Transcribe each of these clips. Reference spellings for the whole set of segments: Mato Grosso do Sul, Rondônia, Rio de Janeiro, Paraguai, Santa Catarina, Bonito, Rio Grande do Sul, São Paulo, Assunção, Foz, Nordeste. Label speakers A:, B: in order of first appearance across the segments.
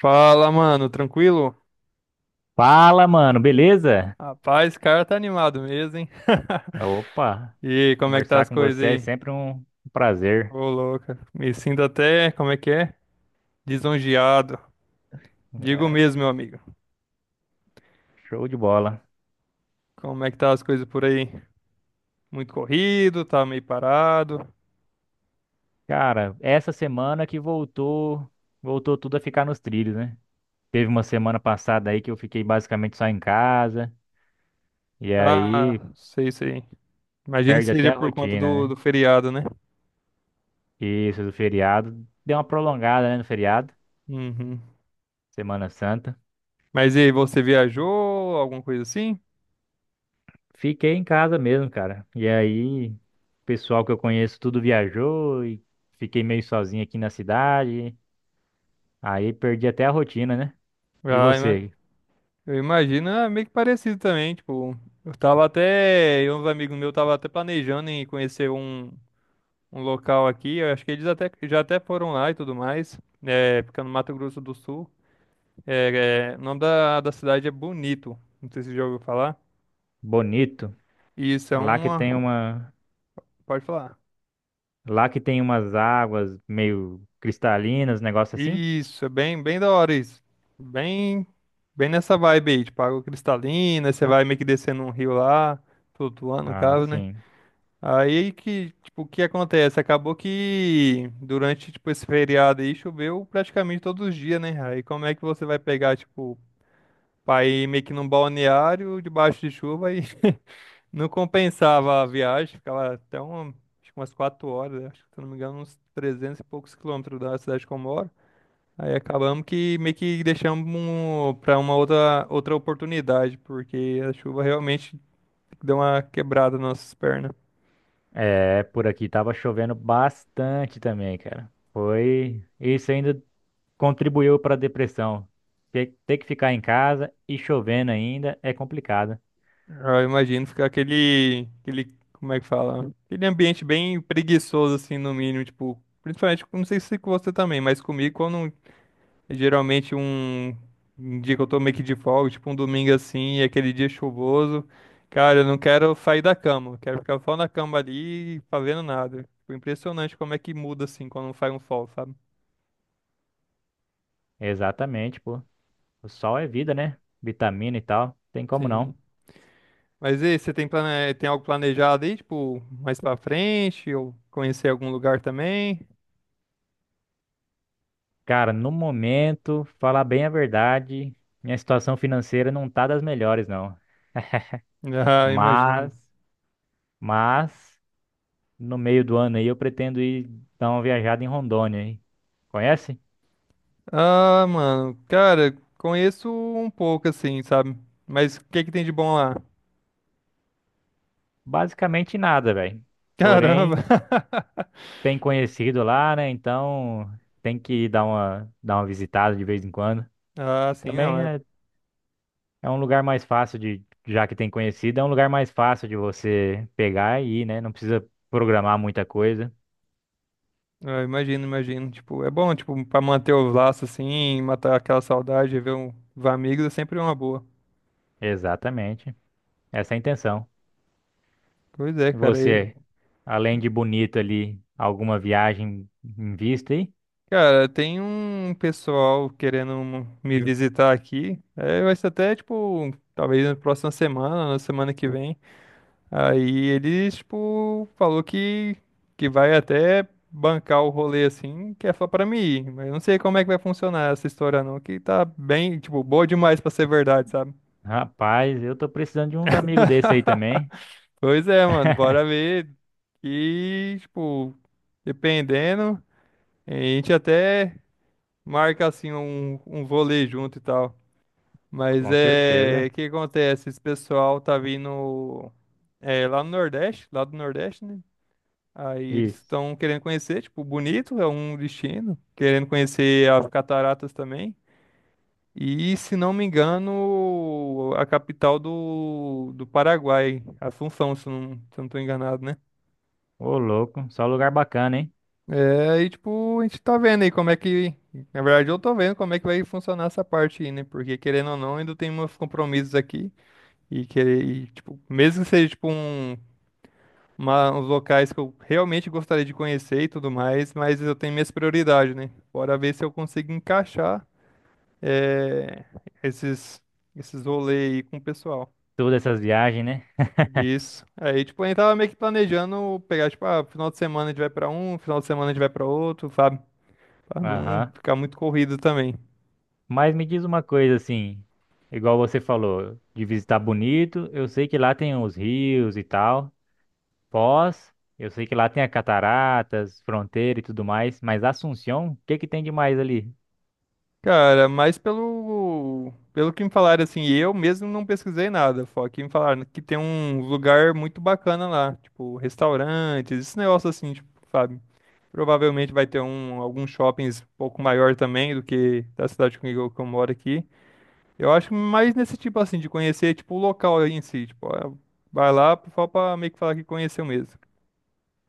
A: Fala, mano, tranquilo?
B: Fala, mano, beleza?
A: Rapaz, o cara tá animado mesmo, hein?
B: Opa,
A: E como é que tá
B: conversar
A: as
B: com
A: coisas
B: você é
A: aí?
B: sempre um prazer.
A: Ô, louca, me sinto até, como é que é? Lisonjeado. Digo
B: É,
A: mesmo, meu amigo.
B: show de bola.
A: Como é que tá as coisas por aí? Muito corrido, tá meio parado.
B: Cara, essa semana que voltou, voltou tudo a ficar nos trilhos, né? Teve uma semana passada aí que eu fiquei basicamente só em casa, e aí
A: Ah, sei, sei. Imagino que
B: perde até
A: seja
B: a
A: por conta
B: rotina,
A: do,
B: né?
A: do feriado, né?
B: Isso, do feriado, deu uma prolongada, né, no feriado,
A: Uhum.
B: Semana Santa.
A: Mas e aí, você viajou, alguma coisa assim?
B: Fiquei em casa mesmo, cara. E aí, o pessoal que eu conheço tudo viajou e fiquei meio sozinho aqui na cidade. Aí perdi até a rotina, né? E
A: Vai, né?
B: você,
A: Eu imagino, é meio que parecido também, tipo, eu tava até, eu e uns amigos meus tava até planejando em conhecer um, um local aqui, eu acho que eles até, já até foram lá e tudo mais, é, fica no Mato Grosso do Sul, é, é, o nome da cidade é Bonito, não sei se você já ouviu falar,
B: bonito,
A: e isso é
B: lá que
A: uma,
B: tem uma,
A: pode falar,
B: lá que tem umas águas meio cristalinas, negócio assim?
A: isso, é bem, bem da hora isso, bem, bem nessa vibe aí, tipo, água cristalina, você vai meio que descendo um rio lá, flutuando no
B: Ah,
A: caso, né?
B: sim.
A: Aí que, tipo, o que acontece? Acabou que durante, tipo, esse feriado aí choveu praticamente todos os dias, né? Aí como é que você vai pegar, tipo, pra ir meio que num balneário debaixo de chuva e não compensava a viagem, ficava até uma, acho que umas quatro horas, né? Acho que, se eu não me engano, uns 300 e poucos quilômetros da cidade que eu moro. Aí acabamos que meio que deixamos um, pra uma outra, outra oportunidade, porque a chuva realmente deu uma quebrada nas nossas pernas.
B: É, por aqui tava chovendo bastante também, cara. Foi, isso ainda contribuiu para a depressão. Ter que ficar em casa e chovendo ainda é complicado.
A: Eu imagino ficar aquele, aquele, como é que fala? Aquele ambiente bem preguiçoso, assim, no mínimo, tipo, principalmente, não sei se com você também, mas comigo, quando é geralmente um, um dia que eu tô meio que de folga, tipo um domingo assim, e aquele dia chuvoso, cara, eu não quero sair da cama, eu quero ficar só na cama ali, fazendo nada. Tipo, impressionante como é que muda, assim, quando faz um sol, sabe?
B: Exatamente, pô. O sol é vida, né? Vitamina e tal, tem como
A: Sim.
B: não.
A: Mas e aí, você tem, plane... tem algo planejado aí, tipo, mais pra frente, ou conhecer algum lugar também?
B: Cara, no momento, falar bem a verdade, minha situação financeira não tá das melhores, não.
A: Ah, imagino.
B: Mas, mas, no meio do ano aí eu pretendo ir dar uma viajada em Rondônia, hein? Conhece?
A: Ah, mano, cara, conheço um pouco assim, sabe? Mas o que que tem de bom lá?
B: Basicamente nada, velho. Porém,
A: Caramba!
B: tem conhecido lá, né? Então tem que ir dar uma visitada de vez em quando.
A: Ah, sim, não,
B: Também
A: é.
B: é, é um lugar mais fácil de, já que tem conhecido, é um lugar mais fácil de você pegar e ir, né? Não precisa programar muita coisa.
A: Eu imagino, imagino. Tipo, é bom, tipo, pra manter os laços assim, matar aquela saudade, ver um, ver amigos é sempre uma boa.
B: Exatamente. Essa é a intenção.
A: Pois é,
B: E
A: cara. E,
B: você, além de bonito ali, alguma viagem em vista aí?
A: cara, tem um pessoal querendo um, me visitar aqui. É, vai ser até, tipo, talvez na próxima semana, na semana que vem. Aí ele, tipo, falou que vai até bancar o rolê assim, que é só pra mim ir. Mas eu não sei como é que vai funcionar essa história não, que tá bem, tipo, boa demais pra ser verdade, sabe?
B: Rapaz, eu tô precisando de uns amigos desse aí também.
A: Pois é, mano, bora ver. E, tipo, dependendo, a gente até marca assim um, um vôlei junto e tal. Mas
B: Com
A: é,
B: certeza.
A: o que acontece? Esse pessoal tá vindo é, lá no Nordeste, lá do Nordeste, né? Aí eles
B: Isso.
A: estão querendo conhecer, tipo, bonito é um destino, querendo conhecer as cataratas também. E, se não me engano, a capital do Paraguai, Assunção, se eu não, se eu não tô enganado, né?
B: Ô, louco. Só lugar bacana, hein?
A: É, e tipo, a gente tá vendo aí como é que, na verdade eu tô vendo como é que vai funcionar essa parte aí, né? Porque querendo ou não, ainda tem meus compromissos aqui e querer, e, tipo, mesmo que seja tipo um uns locais que eu realmente gostaria de conhecer e tudo mais, mas eu tenho minhas prioridades, né? Bora ver se eu consigo encaixar eh, esses, esses rolês aí com o pessoal.
B: Todas essas viagens, né?
A: Isso. Aí, tipo, a gente tava meio que planejando pegar, tipo, ah, final de semana a gente vai pra um, final de semana a gente vai pra outro, sabe? Pra não
B: Aham.
A: ficar muito corrido também.
B: Mas me diz uma coisa assim, igual você falou, de visitar Bonito, eu sei que lá tem os rios e tal. Foz, eu sei que lá tem as cataratas, fronteira e tudo mais, mas Assunção, o que que tem de mais ali?
A: Cara, mas pelo que me falaram, assim, eu mesmo não pesquisei nada, só que me falaram que tem um lugar muito bacana lá, tipo, restaurantes, esse negócio assim, tipo, sabe? Provavelmente vai ter um, alguns shoppings um pouco maior também do que da cidade comigo que eu moro aqui. Eu acho mais nesse tipo, assim, de conhecer, tipo, o local em si, tipo, ó, vai lá só pra meio que falar que conheceu mesmo.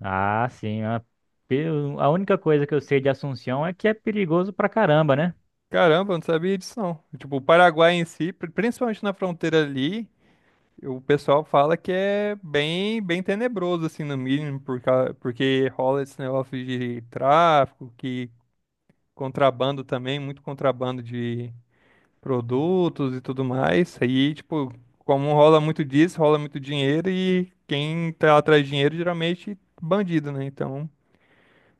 B: Ah, sim. Pe- a única coisa que eu sei de Assunção é que é perigoso pra caramba, né?
A: Caramba, eu não sabia disso não. Tipo, o Paraguai em si, principalmente na fronteira ali, o pessoal fala que é bem, bem tenebroso, assim, no mínimo, porque rola esse negócio de tráfico, que contrabando também, muito contrabando de produtos e tudo mais. Aí, tipo, como rola muito disso, rola muito dinheiro e quem tá atrás de dinheiro geralmente bandido, né? Então,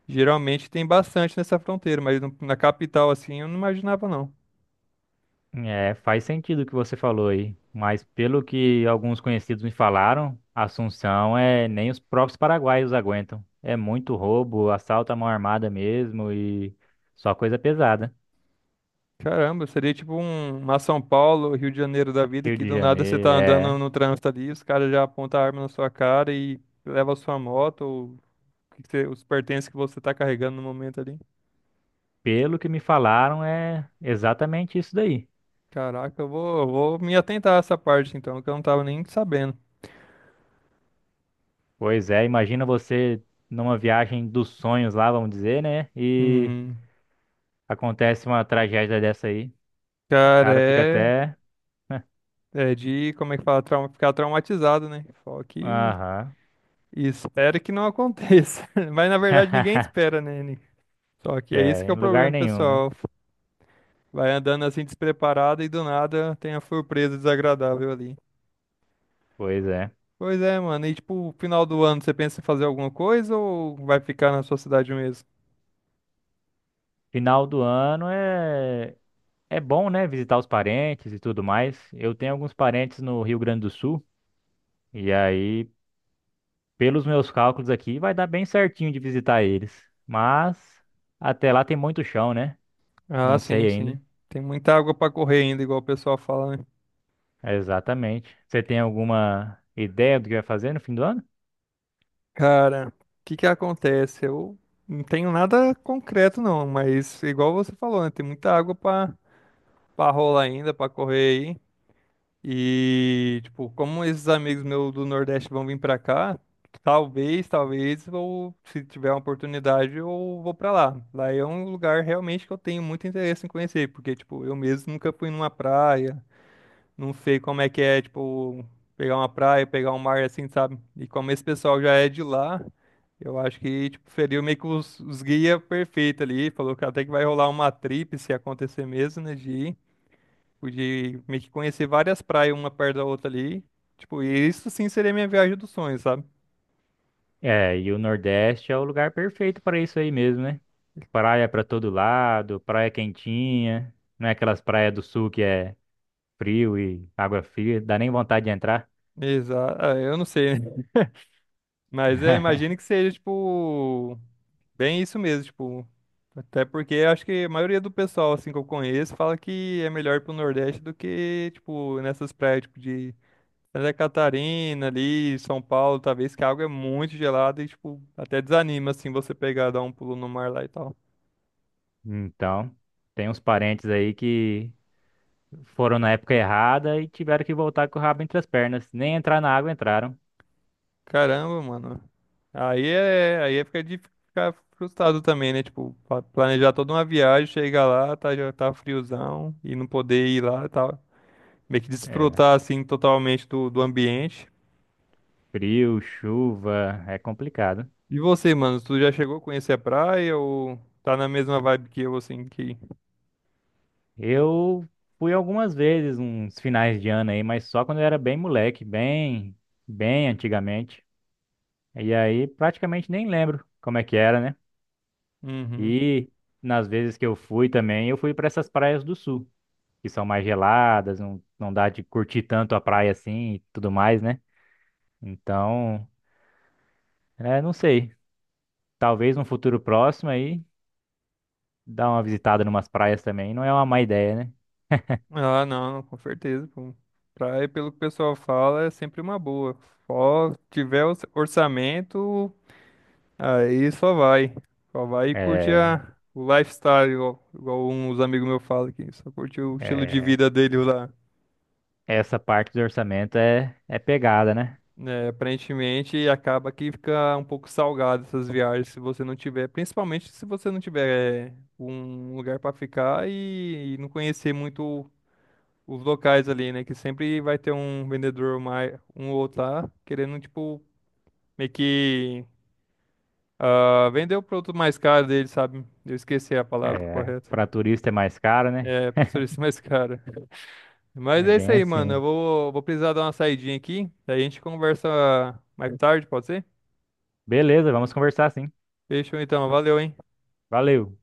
A: geralmente tem bastante nessa fronteira, mas na capital, assim, eu não imaginava, não.
B: É, faz sentido o que você falou aí. Mas pelo que alguns conhecidos me falaram, Assunção é nem os próprios paraguaios aguentam. É muito roubo, assalto à mão armada mesmo e só coisa pesada.
A: Caramba, seria tipo um, uma São Paulo, Rio de Janeiro da vida,
B: Rio
A: que
B: de
A: do nada você tá
B: Janeiro,
A: andando
B: é.
A: no trânsito ali, os caras já apontam a arma na sua cara e levam a sua moto, ou o os pertences que você tá carregando no momento ali.
B: Pelo que me falaram, é exatamente isso daí.
A: Caraca, eu vou me atentar a essa parte então, que eu não tava nem sabendo.
B: Pois é, imagina você numa viagem dos sonhos lá, vamos dizer, né? E
A: Uhum.
B: acontece uma tragédia dessa aí, o
A: Cara,
B: cara fica
A: é,
B: até.
A: é de, como é que fala, trauma, ficar traumatizado, né? Só que
B: Aham.
A: espera que não aconteça. Mas na verdade ninguém espera, né? Nick? Só que é isso que
B: É,
A: é o
B: em
A: problema,
B: lugar
A: do
B: nenhum, né?
A: pessoal. Vai andando assim despreparada e do nada tem a surpresa desagradável ali.
B: Pois é.
A: Pois é, mano. E tipo, final do ano você pensa em fazer alguma coisa ou vai ficar na sua cidade mesmo?
B: Final do ano é é bom, né? Visitar os parentes e tudo mais. Eu tenho alguns parentes no Rio Grande do Sul e aí, pelos meus cálculos aqui, vai dar bem certinho de visitar eles. Mas até lá tem muito chão, né?
A: Ah,
B: Não
A: sim,
B: sei ainda.
A: sim. Tem muita água pra correr ainda, igual o pessoal fala, né?
B: Exatamente. Você tem alguma ideia do que vai fazer no fim do ano?
A: Cara, o que que acontece? Eu não tenho nada concreto não, mas igual você falou, né? Tem muita água pra para rolar ainda, pra correr. E, tipo, como esses amigos meus do Nordeste vão vir pra cá, talvez, talvez, ou se tiver uma oportunidade, eu vou pra lá. Lá é um lugar realmente que eu tenho muito interesse em conhecer, porque, tipo, eu mesmo nunca fui numa praia, não sei como é que é, tipo, pegar uma praia, pegar um mar assim, sabe? E como esse pessoal já é de lá, eu acho que, tipo, feriu meio que os guia perfeito ali, falou que até que vai rolar uma trip se acontecer mesmo, né, de ir. Pude meio que conhecer várias praias uma perto da outra ali. Tipo, e isso sim seria minha viagem dos sonhos, sabe?
B: É, e o Nordeste é o lugar perfeito para isso aí mesmo, né? Praia para todo lado, praia quentinha, não é aquelas praias do sul que é frio e água fria, dá nem vontade de entrar.
A: Exato. Eu não sei, né? Mas eu imagino que seja, tipo, bem isso mesmo, tipo. Até porque eu acho que a maioria do pessoal, assim, que eu conheço, fala que é melhor ir pro Nordeste do que, tipo, nessas praias, tipo, de Santa Catarina ali, São Paulo, talvez, que a água é muito gelada e, tipo, até desanima, assim, você pegar, dar um pulo no mar lá e tal.
B: Então, tem uns parentes aí que foram na época errada e tiveram que voltar com o rabo entre as pernas. Nem entrar na água entraram.
A: Caramba, mano. Aí é fica de ficar frustrado também, né? Tipo, planejar toda uma viagem, chegar lá, tá, já tá friozão e não poder ir lá, tá? Meio que
B: É,
A: desfrutar assim totalmente do ambiente.
B: frio, chuva, é complicado.
A: E você, mano, tu já chegou a conhecer a praia ou tá na mesma vibe que eu, assim, que...
B: Eu fui algumas vezes, uns finais de ano aí, mas só quando eu era bem moleque, bem antigamente. E aí praticamente nem lembro como é que era, né?
A: Uhum.
B: E nas vezes que eu fui também, eu fui para essas praias do sul, que são mais geladas, não dá de curtir tanto a praia assim e tudo mais, né? Então, é, não sei. Talvez num futuro próximo aí, dar uma visitada numas praias também, não é uma má ideia, né?
A: Ah, não, com certeza, pô. Praia, pelo que o pessoal fala, é sempre uma boa. Só tiver orçamento, aí só vai. Só vai e curte
B: É,
A: a, o lifestyle, igual, igual uns amigos meus falam aqui. Só curte o estilo de
B: é,
A: vida dele lá.
B: Essa parte do orçamento é pegada, né?
A: Né? Aparentemente, acaba que fica um pouco salgado essas viagens se você não tiver, principalmente se você não tiver é, um lugar para ficar e não conhecer muito os locais ali, né? Que sempre vai ter um vendedor mais, um ou outro lá, querendo, tipo, meio que ah, vender o produto mais caro dele, sabe? Eu esqueci a palavra
B: É,
A: correta.
B: para turista é mais caro, né?
A: É, pastor, isso é mais caro. Mas
B: É
A: é isso
B: bem
A: aí, mano. Eu
B: assim.
A: vou, vou precisar dar uma saidinha aqui. Daí a gente conversa mais tarde, pode ser?
B: Beleza, vamos conversar sim.
A: Fechou então. Valeu, hein?
B: Valeu.